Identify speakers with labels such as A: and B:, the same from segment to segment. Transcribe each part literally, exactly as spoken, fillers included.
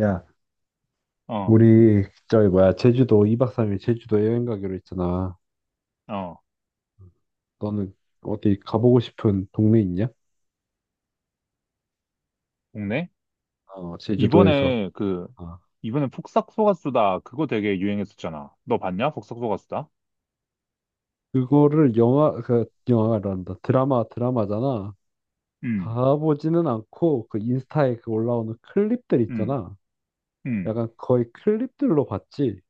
A: 야,
B: 어,
A: 우리 저기 뭐야 제주도 이 박 삼 일 제주도 여행 가기로 했잖아.
B: 어,
A: 너는 어디 가보고 싶은 동네 있냐?
B: 국내?
A: 어, 제주도에서.
B: 이번에 그,
A: 아,
B: 이번에 폭삭소가수다 그거 되게 유행했었잖아. 너 봤냐? 폭삭소가수다.
A: 그거를 영화 그 영화란다 드라마 드라마잖아.
B: 음,
A: 가보지는 않고 그 인스타에 그 올라오는 클립들
B: 음,
A: 있잖아.
B: 음,
A: 약간 거의 클립들로 봤지.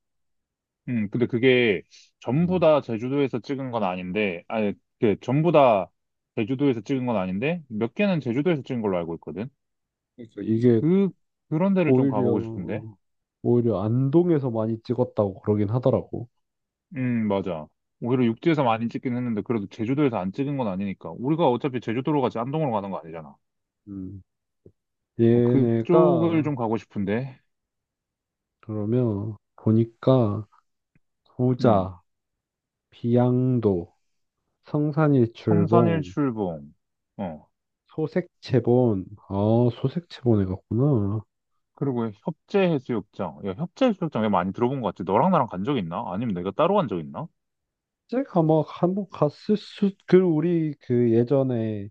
B: 음. 근데 그게 전부
A: 음.
B: 다 제주도에서 찍은 건 아닌데, 아니, 그, 전부 다 제주도에서 찍은 건 아닌데, 몇 개는 제주도에서 찍은 걸로 알고 있거든?
A: 그래서 이게
B: 그, 그런 데를 좀
A: 오히려
B: 가보고 싶은데.
A: 오히려 안동에서 많이 찍었다고 그러긴 하더라고.
B: 음, 맞아. 오히려 육지에서 많이 찍긴 했는데, 그래도 제주도에서 안 찍은 건 아니니까. 우리가 어차피 제주도로 가지 안동으로 가는 거 아니잖아.
A: 음.
B: 어, 그쪽을
A: 얘네가
B: 좀 가고 싶은데.
A: 그러면 보니까 소자, 비양도,
B: 성산일
A: 성산일출봉,
B: 출봉. 어.
A: 소색채본, 아, 소색채본에 갔구나.
B: 그리고 협재해수욕장. 야, 협재해수욕장 내가 많이 들어본 것 같아. 너랑 나랑 간 적 있나? 아니면 내가 따로 간 적 있나?
A: 제가 막 한번 갔을 수, 그 우리 그 예전에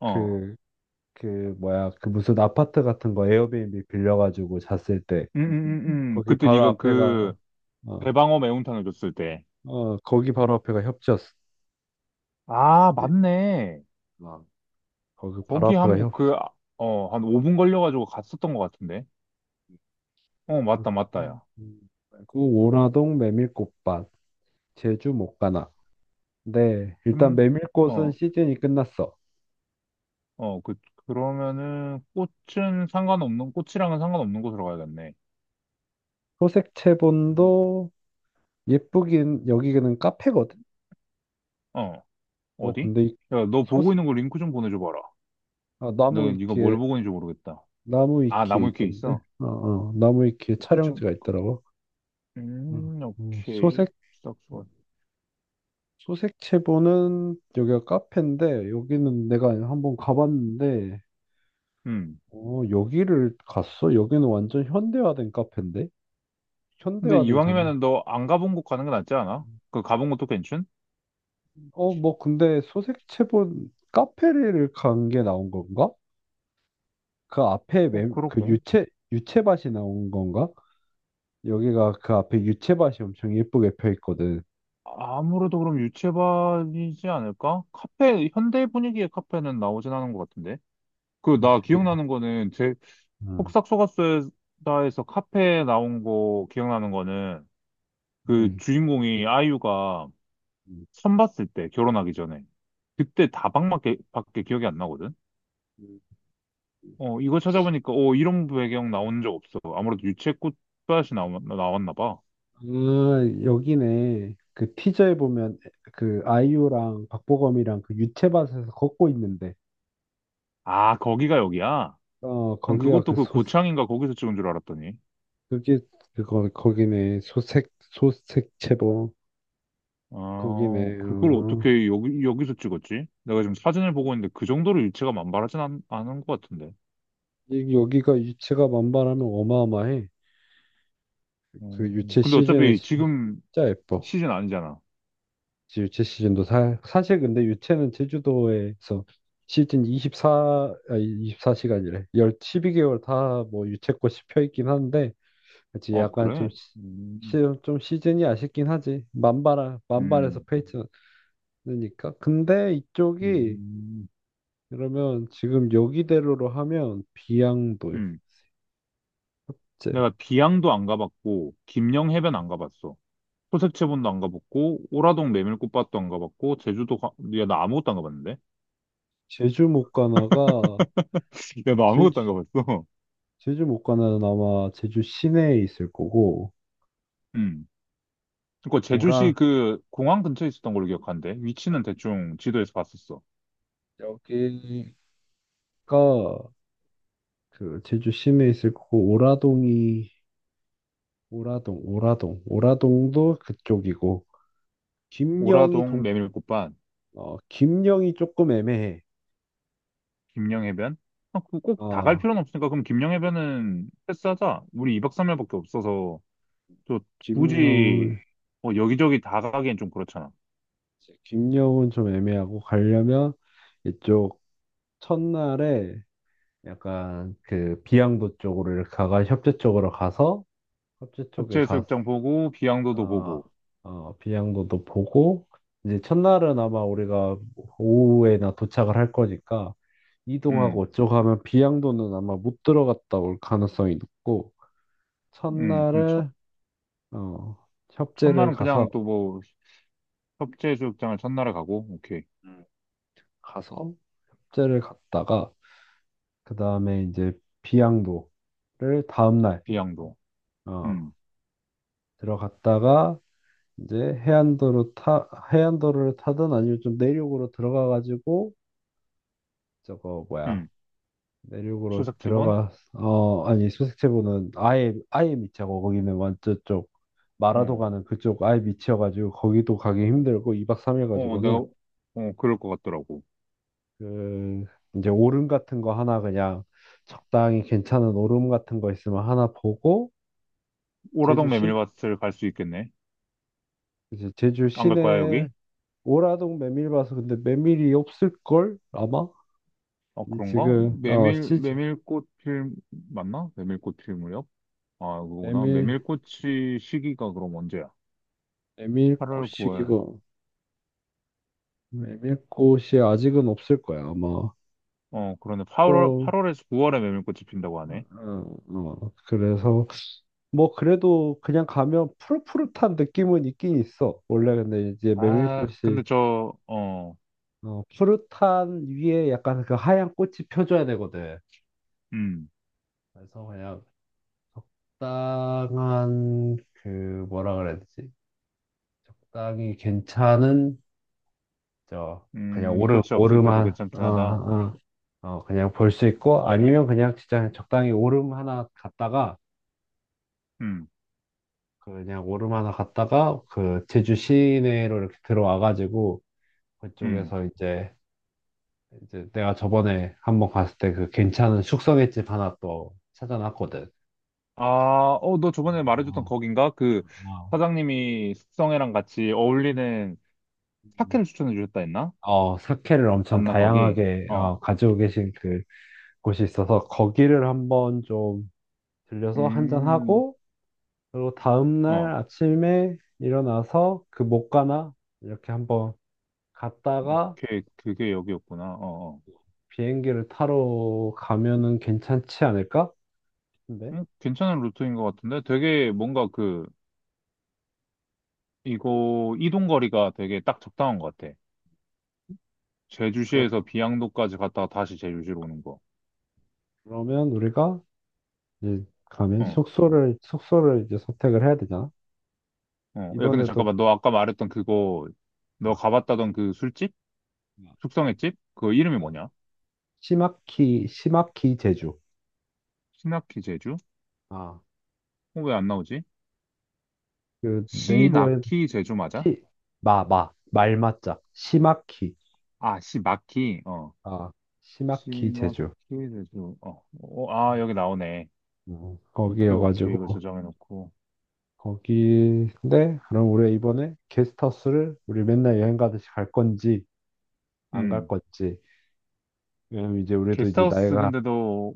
B: 어.
A: 그, 그 뭐야, 그 무슨 아파트 같은 거 에어비앤비 빌려가지고 잤을 때
B: 음, 음, 음, 음.
A: 거기
B: 그때
A: 바로
B: 네가
A: 앞에가
B: 그
A: 어,
B: 대방어 매운탕을 줬을 때.
A: 어, 거기 바로 앞에가 협지였지.
B: 아, 맞네.
A: 어, 거기 바로
B: 거기
A: 앞에가
B: 한,
A: 협.
B: 그, 아, 어, 한 오 분 걸려가지고 갔었던 것 같은데. 어, 맞다, 맞다,
A: 음,
B: 야.
A: 음. 그리고 오라동 메밀꽃밭, 제주 목가나. 네, 일단
B: 음,
A: 메밀꽃은
B: 어,
A: 시즌이 끝났어.
B: 어, 그, 그러면은 꽃은 상관없는, 꽃이랑은 상관없는 곳으로 가야겠네.
A: 소색
B: 음,
A: 채본도 예쁘긴 여기는 카페거든.
B: 어,
A: 어,
B: 어디?
A: 근데 이
B: 야, 너 보고
A: 소색
B: 있는 거 링크 좀 보내줘봐라.
A: 아,
B: 나
A: 나무
B: 이거 뭘
A: 위키에
B: 보고 있는지 모르겠다.
A: 나무
B: 아,
A: 위키에
B: 나무위키에
A: 있던데.
B: 있어?
A: 어, 어, 나무 위키에
B: 그 좀,
A: 촬영지가
B: 그-
A: 있더라고. 어,
B: 음,
A: 어,
B: 오케이.
A: 소색
B: 싹수가.
A: 소색 채본은 여기가 카페인데 여기는 내가 한번 가봤는데
B: 음.
A: 어, 여기를 갔어? 여기는 완전 현대화된 카페인데?
B: 근데
A: 현대화된 장르.
B: 이왕이면은 너 안 가본 곳 가는 게 낫지 않아? 그 가본 곳도 괜찮?
A: 어, 뭐, 근데 소색채본 카페를 간 게 나온 건가? 그 앞에
B: 어,
A: 매, 그
B: 그렇게.
A: 유채, 유채밭이 나온 건가? 여기가 그 앞에 유채밭이 엄청 예쁘게 펴 있거든.
B: 아무래도 그럼 유채밭이지 않을까? 카페, 현대 분위기의 카페는 나오진 않은 것 같은데. 그, 나
A: 이게,
B: 기억나는 거는, 제, 폭싹 속았수다에서 카페에 나온 거 기억나는 거는, 그
A: 응.
B: 주인공이 아이유가
A: 응.
B: 처음 봤을 때, 결혼하기 전에. 그때 다방밖에 밖에 기억이 안 나거든? 어, 이거 찾아보니까, 어, 이런 배경 나온 적 없어. 아무래도 유채 꽃밭이 나왔 나왔나 봐.
A: 응. 아, 여기네. 그 티저에 보면 그 아이유랑 박보검이랑 그 유채밭에서 걷고 있는데,
B: 아, 거기가 여기야?
A: 어,
B: 난
A: 거기가 그
B: 그것도 그
A: 소,
B: 고창인가 거기서 찍은 줄 알았더니.
A: 그게, 그거, 거기네. 소색, 소색채본.
B: 아,
A: 거기네.
B: 그걸
A: 어.
B: 어떻게 여기, 여기서 찍었지? 내가 지금 사진을 보고 있는데 그 정도로 유채가 만발하진 않, 않은 것 같은데.
A: 이- 여기가 유채가 만발하면 어마어마해. 그
B: 어...
A: 유채
B: 근데
A: 시즌에
B: 어차피
A: 시-
B: 지금
A: 진짜 예뻐.
B: 시즌 아니잖아.
A: 이제 유채 시즌도 사, 사실 근데 유채는 제주도에서 시즌 이십사, 아, 이십사 시간이래1 십이 이 개월 다 뭐 유채꽃이 펴 있긴 한데, 그치,
B: 아,
A: 약간 좀,
B: 그래?
A: 시, 시-
B: 음,
A: 좀 시즌이 아쉽긴 하지. 만발, 만발해서
B: 음,
A: 펴있지 않으니까. 근데 이쪽이,
B: 음,
A: 그러면 지금 여기대로로 하면 비양도,
B: 음.
A: 이제
B: 내가 비양도 안 가봤고, 김영해변 안 가봤어. 소색체본도 안 가봤고, 오라동 메밀꽃밭도 안 가봤고, 제주도 가, 야, 나 아무것도 안 가봤는데?
A: 제주 못 가나가,
B: 야, 나
A: 제주,
B: 아무것도 안 가봤어?
A: 제주 못가는 아마 제주 시내에 있을 거고
B: 음. 그니까
A: 오라
B: 제주시 그 공항 근처에 있었던 걸로 기억하는데, 위치는
A: 어.
B: 대충 지도에서 봤었어.
A: 여기가 그 제주 시내에 있을 거고 오라동이 오라동 오라동 오라동도 그쪽이고 김영이
B: 오라동
A: 동
B: 메밀꽃밭,
A: 어, 김영이 조금 애매해.
B: 김영해변? 아, 그꼭 다 갈
A: 어,
B: 필요는 없으니까, 그럼 김영해변은 패스하자. 우리 이 박 삼 일밖에 없어서, 또 굳이
A: 김영
B: 뭐 여기저기 다 가기엔 좀 그렇잖아.
A: 김영은 좀 애매하고 가려면 이쪽 첫날에 약간 그 비양도 쪽으로 이렇게 가가 협재 쪽으로 가서 협재 쪽에 가서
B: 협재해수욕장 보고, 비양도도 보고,
A: 아, 어, 비양도도 보고, 이제 첫날은 아마 우리가 오후에나 도착을 할 거니까, 이동하고
B: 응.
A: 어쩌고 하면 비양도는 아마 못 들어갔다 올 가능성이 높고,
B: 음, 그럼 첫,
A: 첫날은, 어, 협재를
B: 첫날은
A: 가서,
B: 그냥 또 뭐, 협재 수욕장을 첫날에 가고, 오케이.
A: 음. 가서, 협재를 갔다가, 그 다음에 이제 비양도를 다음날,
B: 비양도.
A: 어,
B: 음,
A: 들어갔다가, 이제 해안도로 타, 해안도로를 타든 아니면 좀 내륙으로 들어가가지고, 저거 뭐야.
B: 음.
A: 내륙으로
B: 수색체본?
A: 들어가 어 아니 수색체부는 아예 아예 밑이고 거기는 완전 쪽 마라도
B: 어,
A: 가는 그쪽 아예 밑이어가지고 거기도 가기 힘들고 이 박 삼 일
B: 어, 내가,
A: 가지고는
B: 어, 그럴 것 같더라고.
A: 그 이제 오름 같은 거 하나 그냥 적당히 괜찮은 오름 같은 거 있으면 하나 보고 제주
B: 오라동
A: 시내
B: 메밀밭을 갈 수 있겠네.
A: 이제 제주
B: 안 갈 거야,
A: 시내
B: 여기?
A: 오라동 메밀 봐서 근데 메밀이 없을 걸 아마
B: 어,
A: 이
B: 그런가?
A: 지금 어
B: 메밀,
A: 시즌
B: 메밀꽃 필, 맞나? 메밀꽃 필무렵? 아, 그거구나.
A: 메밀
B: 메밀꽃이 시기가 그럼 언제야? 팔월,
A: 메밀꽃이고
B: 구월.
A: 메밀꽃이 아직은 없을 거야 아마
B: 어, 그러네. 팔월,
A: 또,
B: 팔월에서 구월에 메밀꽃이 핀다고 하네.
A: 어, 어, 그래서, 뭐, 그래도 그냥 가면 푸릇푸릇한 느낌은 있긴 있어. 원래 근데 이제
B: 아,
A: 메밀꽃이,
B: 근데 저, 어,
A: 어, 푸릇한 위에 약간 그 하얀 꽃이 펴줘야 되거든.
B: 음.
A: 그래서 그냥 적당한, 그, 뭐라 그래야 되지? 적당히 괜찮은, 저, 그냥
B: 음,
A: 오름,
B: 꽃이 없을 때도
A: 오름한, 어,
B: 괜찮긴 하다.
A: 어, 어, 그냥 볼 수 있고, 아니면 그냥 진짜 적당히 오름 하나 갔다가,
B: 음,
A: 그 그냥 오르마나 갔다가 그 제주 시내로 이렇게 들어와가지고
B: 음.
A: 그쪽에서 이제 이제 내가 저번에 한번 갔을 때 그 괜찮은 숙성횟집 하나 또 찾아놨거든.
B: 아, 어, 너
A: 아,
B: 저번에 말해줬던
A: 아.
B: 거긴가? 그 사장님이 숙성회랑 같이 어울리는
A: 음.
B: 사케를 추천해 주셨다 했나?
A: 어, 사케를 엄청
B: 맞나, 거기?
A: 다양하게
B: 어,
A: 어, 가지고 계신 그 곳이 있어서 거기를 한번 좀 들려서 한
B: 음,
A: 잔하고 그리고 다음날
B: 어,
A: 아침에 일어나서 그 목가나 이렇게 한번 갔다가
B: 오케이. 그게 여기였구나. 어, 어.
A: 비행기를 타러 가면은 괜찮지 않을까? 근데
B: 음, 괜찮은 루트인 것 같은데? 되게 뭔가 그, 이거 이동 거리가 되게 딱 적당한 것 같아.
A: 그-
B: 제주시에서 비양도까지 갔다가 다시 제주시로 오는 거.
A: 그러면 우리가 이제 가면
B: 어,
A: 숙소를 숙소를 이제 선택을 해야 되잖아.
B: 어. 야, 근데
A: 이번에도
B: 잠깐만. 너 아까 말했던 그거 너
A: 아,
B: 가봤다던 그 술집?
A: 아,
B: 숙성의 집? 그 이름이
A: 아.
B: 뭐냐?
A: 시마키 시마키 제주.
B: 시나키 제주?
A: 아,
B: 어, 왜 안 나오지?
A: 그 네이버에
B: 시나키 제주 맞아?
A: 시 마 마 말맞자 시마키
B: 아, 시마키. 어.
A: 아 시마키
B: 시마키
A: 제주.
B: 제주. 어. 어, 아, 여기 나오네.
A: 음,
B: 오케이, 오케이. 이거
A: 거기여가지고
B: 저장해 놓고.
A: 거기인데 그럼 우리 가 이번에 게스트하우스를 우리 맨날 여행 가듯이 갈 건지 안 갈
B: 음.
A: 건지 왜냐면 이제 우리도 이제
B: 게스트하우스
A: 나이가
B: 근데도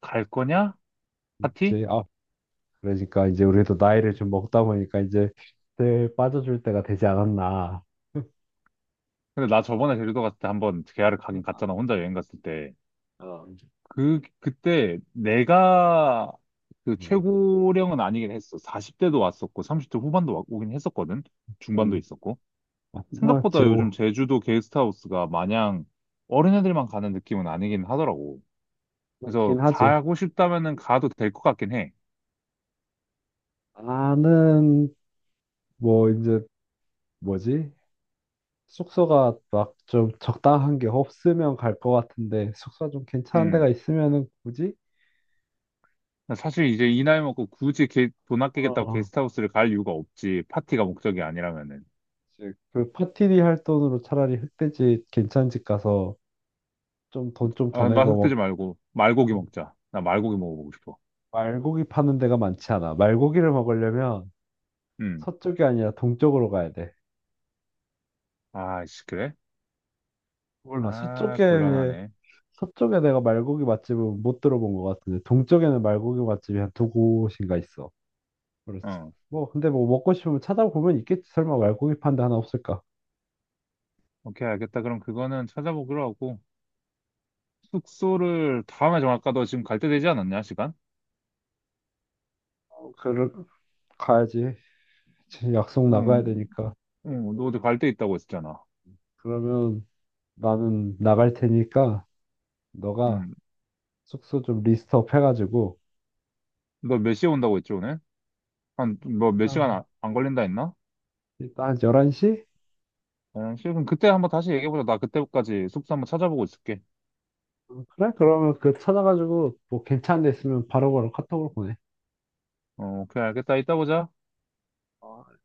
B: 갈 거냐? 파티?
A: 이제 아 그러니까 이제 우리도 나이를 좀 먹다 보니까 이제 그때 빠져줄 때가 되지 않았나.
B: 근데 나 저번에 제주도 갔을 때 한번 계야를 가긴 갔잖아. 혼자 여행 갔을 때.
A: 어,
B: 그, 그때 내가 그
A: 음,
B: 최고령은 아니긴 했어. 사십 대도 왔었고, 삼십 대 후반도 와- 오긴 했었거든. 중반도
A: 음.
B: 있었고.
A: 아,
B: 생각보다 요즘
A: 지옥
B: 제주도 게스트하우스가 마냥 어린애들만 가는 느낌은 아니긴 하더라고. 그래서
A: 그렇긴 하지.
B: 가고 싶다면은 가도 될 것 같긴 해.
A: 나는 뭐 이제 뭐지? 숙소가 막 좀 적당한 게 없으면 갈 것 같은데 숙소 가좀 괜찮은
B: 음.
A: 데가 있으면은 굳이
B: 사실 이제 이 나이 먹고 굳이 게, 돈 아끼겠다고
A: 어
B: 게스트하우스를 갈 이유가 없지. 파티가 목적이 아니라면은.
A: 이제 그 파티리 할 돈으로 차라리 흑돼지 괜찮은 집 가서 좀 돈 좀 더
B: 아, 나
A: 내고 뭐
B: 흑돼지 말고 말고기 먹자. 나 말고기 먹어보고 싶어.
A: 말고기 파는 데가 많지 않아. 말고기를 먹으려면
B: 음.
A: 서쪽이 아니라 동쪽으로 가야 돼.
B: 아이씨, 그래?
A: 몰라.
B: 아,
A: 서쪽에
B: 곤란하네.
A: 서쪽에 내가 말고기 맛집은 못 들어본 것 같은데 동쪽에는 말고기 맛집이 한 두 곳인가 있어. 그래서
B: 어.
A: 뭐 근데 뭐 먹고 싶으면 찾아보면 있겠지. 설마 말고기 파는 데 하나 없을까?
B: 오케이, 알겠다. 그럼 그거는 찾아보기로 하고. 숙소를 다음에 정할까? 너 지금 갈 때 되지 않았냐, 시간?
A: 어, 그를 가야지. 지금 약속
B: 어,
A: 나가야 되니까.
B: 어, 너 어디 갈 데 있다고 했잖아.
A: 그러면 나는 나갈 테니까 너가
B: 음.
A: 숙소 좀 리스트업 해가지고
B: 너 몇 시에 온다고 했지, 오늘? 한, 뭐 몇
A: 아,
B: 시간 안, 안 걸린다 했나?
A: 일단 열한 시?
B: 한 시 그럼 그때 한번 다시 얘기해보자. 나 그때까지 숙소 한번 찾아보고 있을게.
A: 그래? 그러면 그 찾아가지고 뭐 괜찮은 데 있으면 바로바로 카톡으로 보내.
B: 어, 오케이, 알겠다. 이따 보자.
A: 어,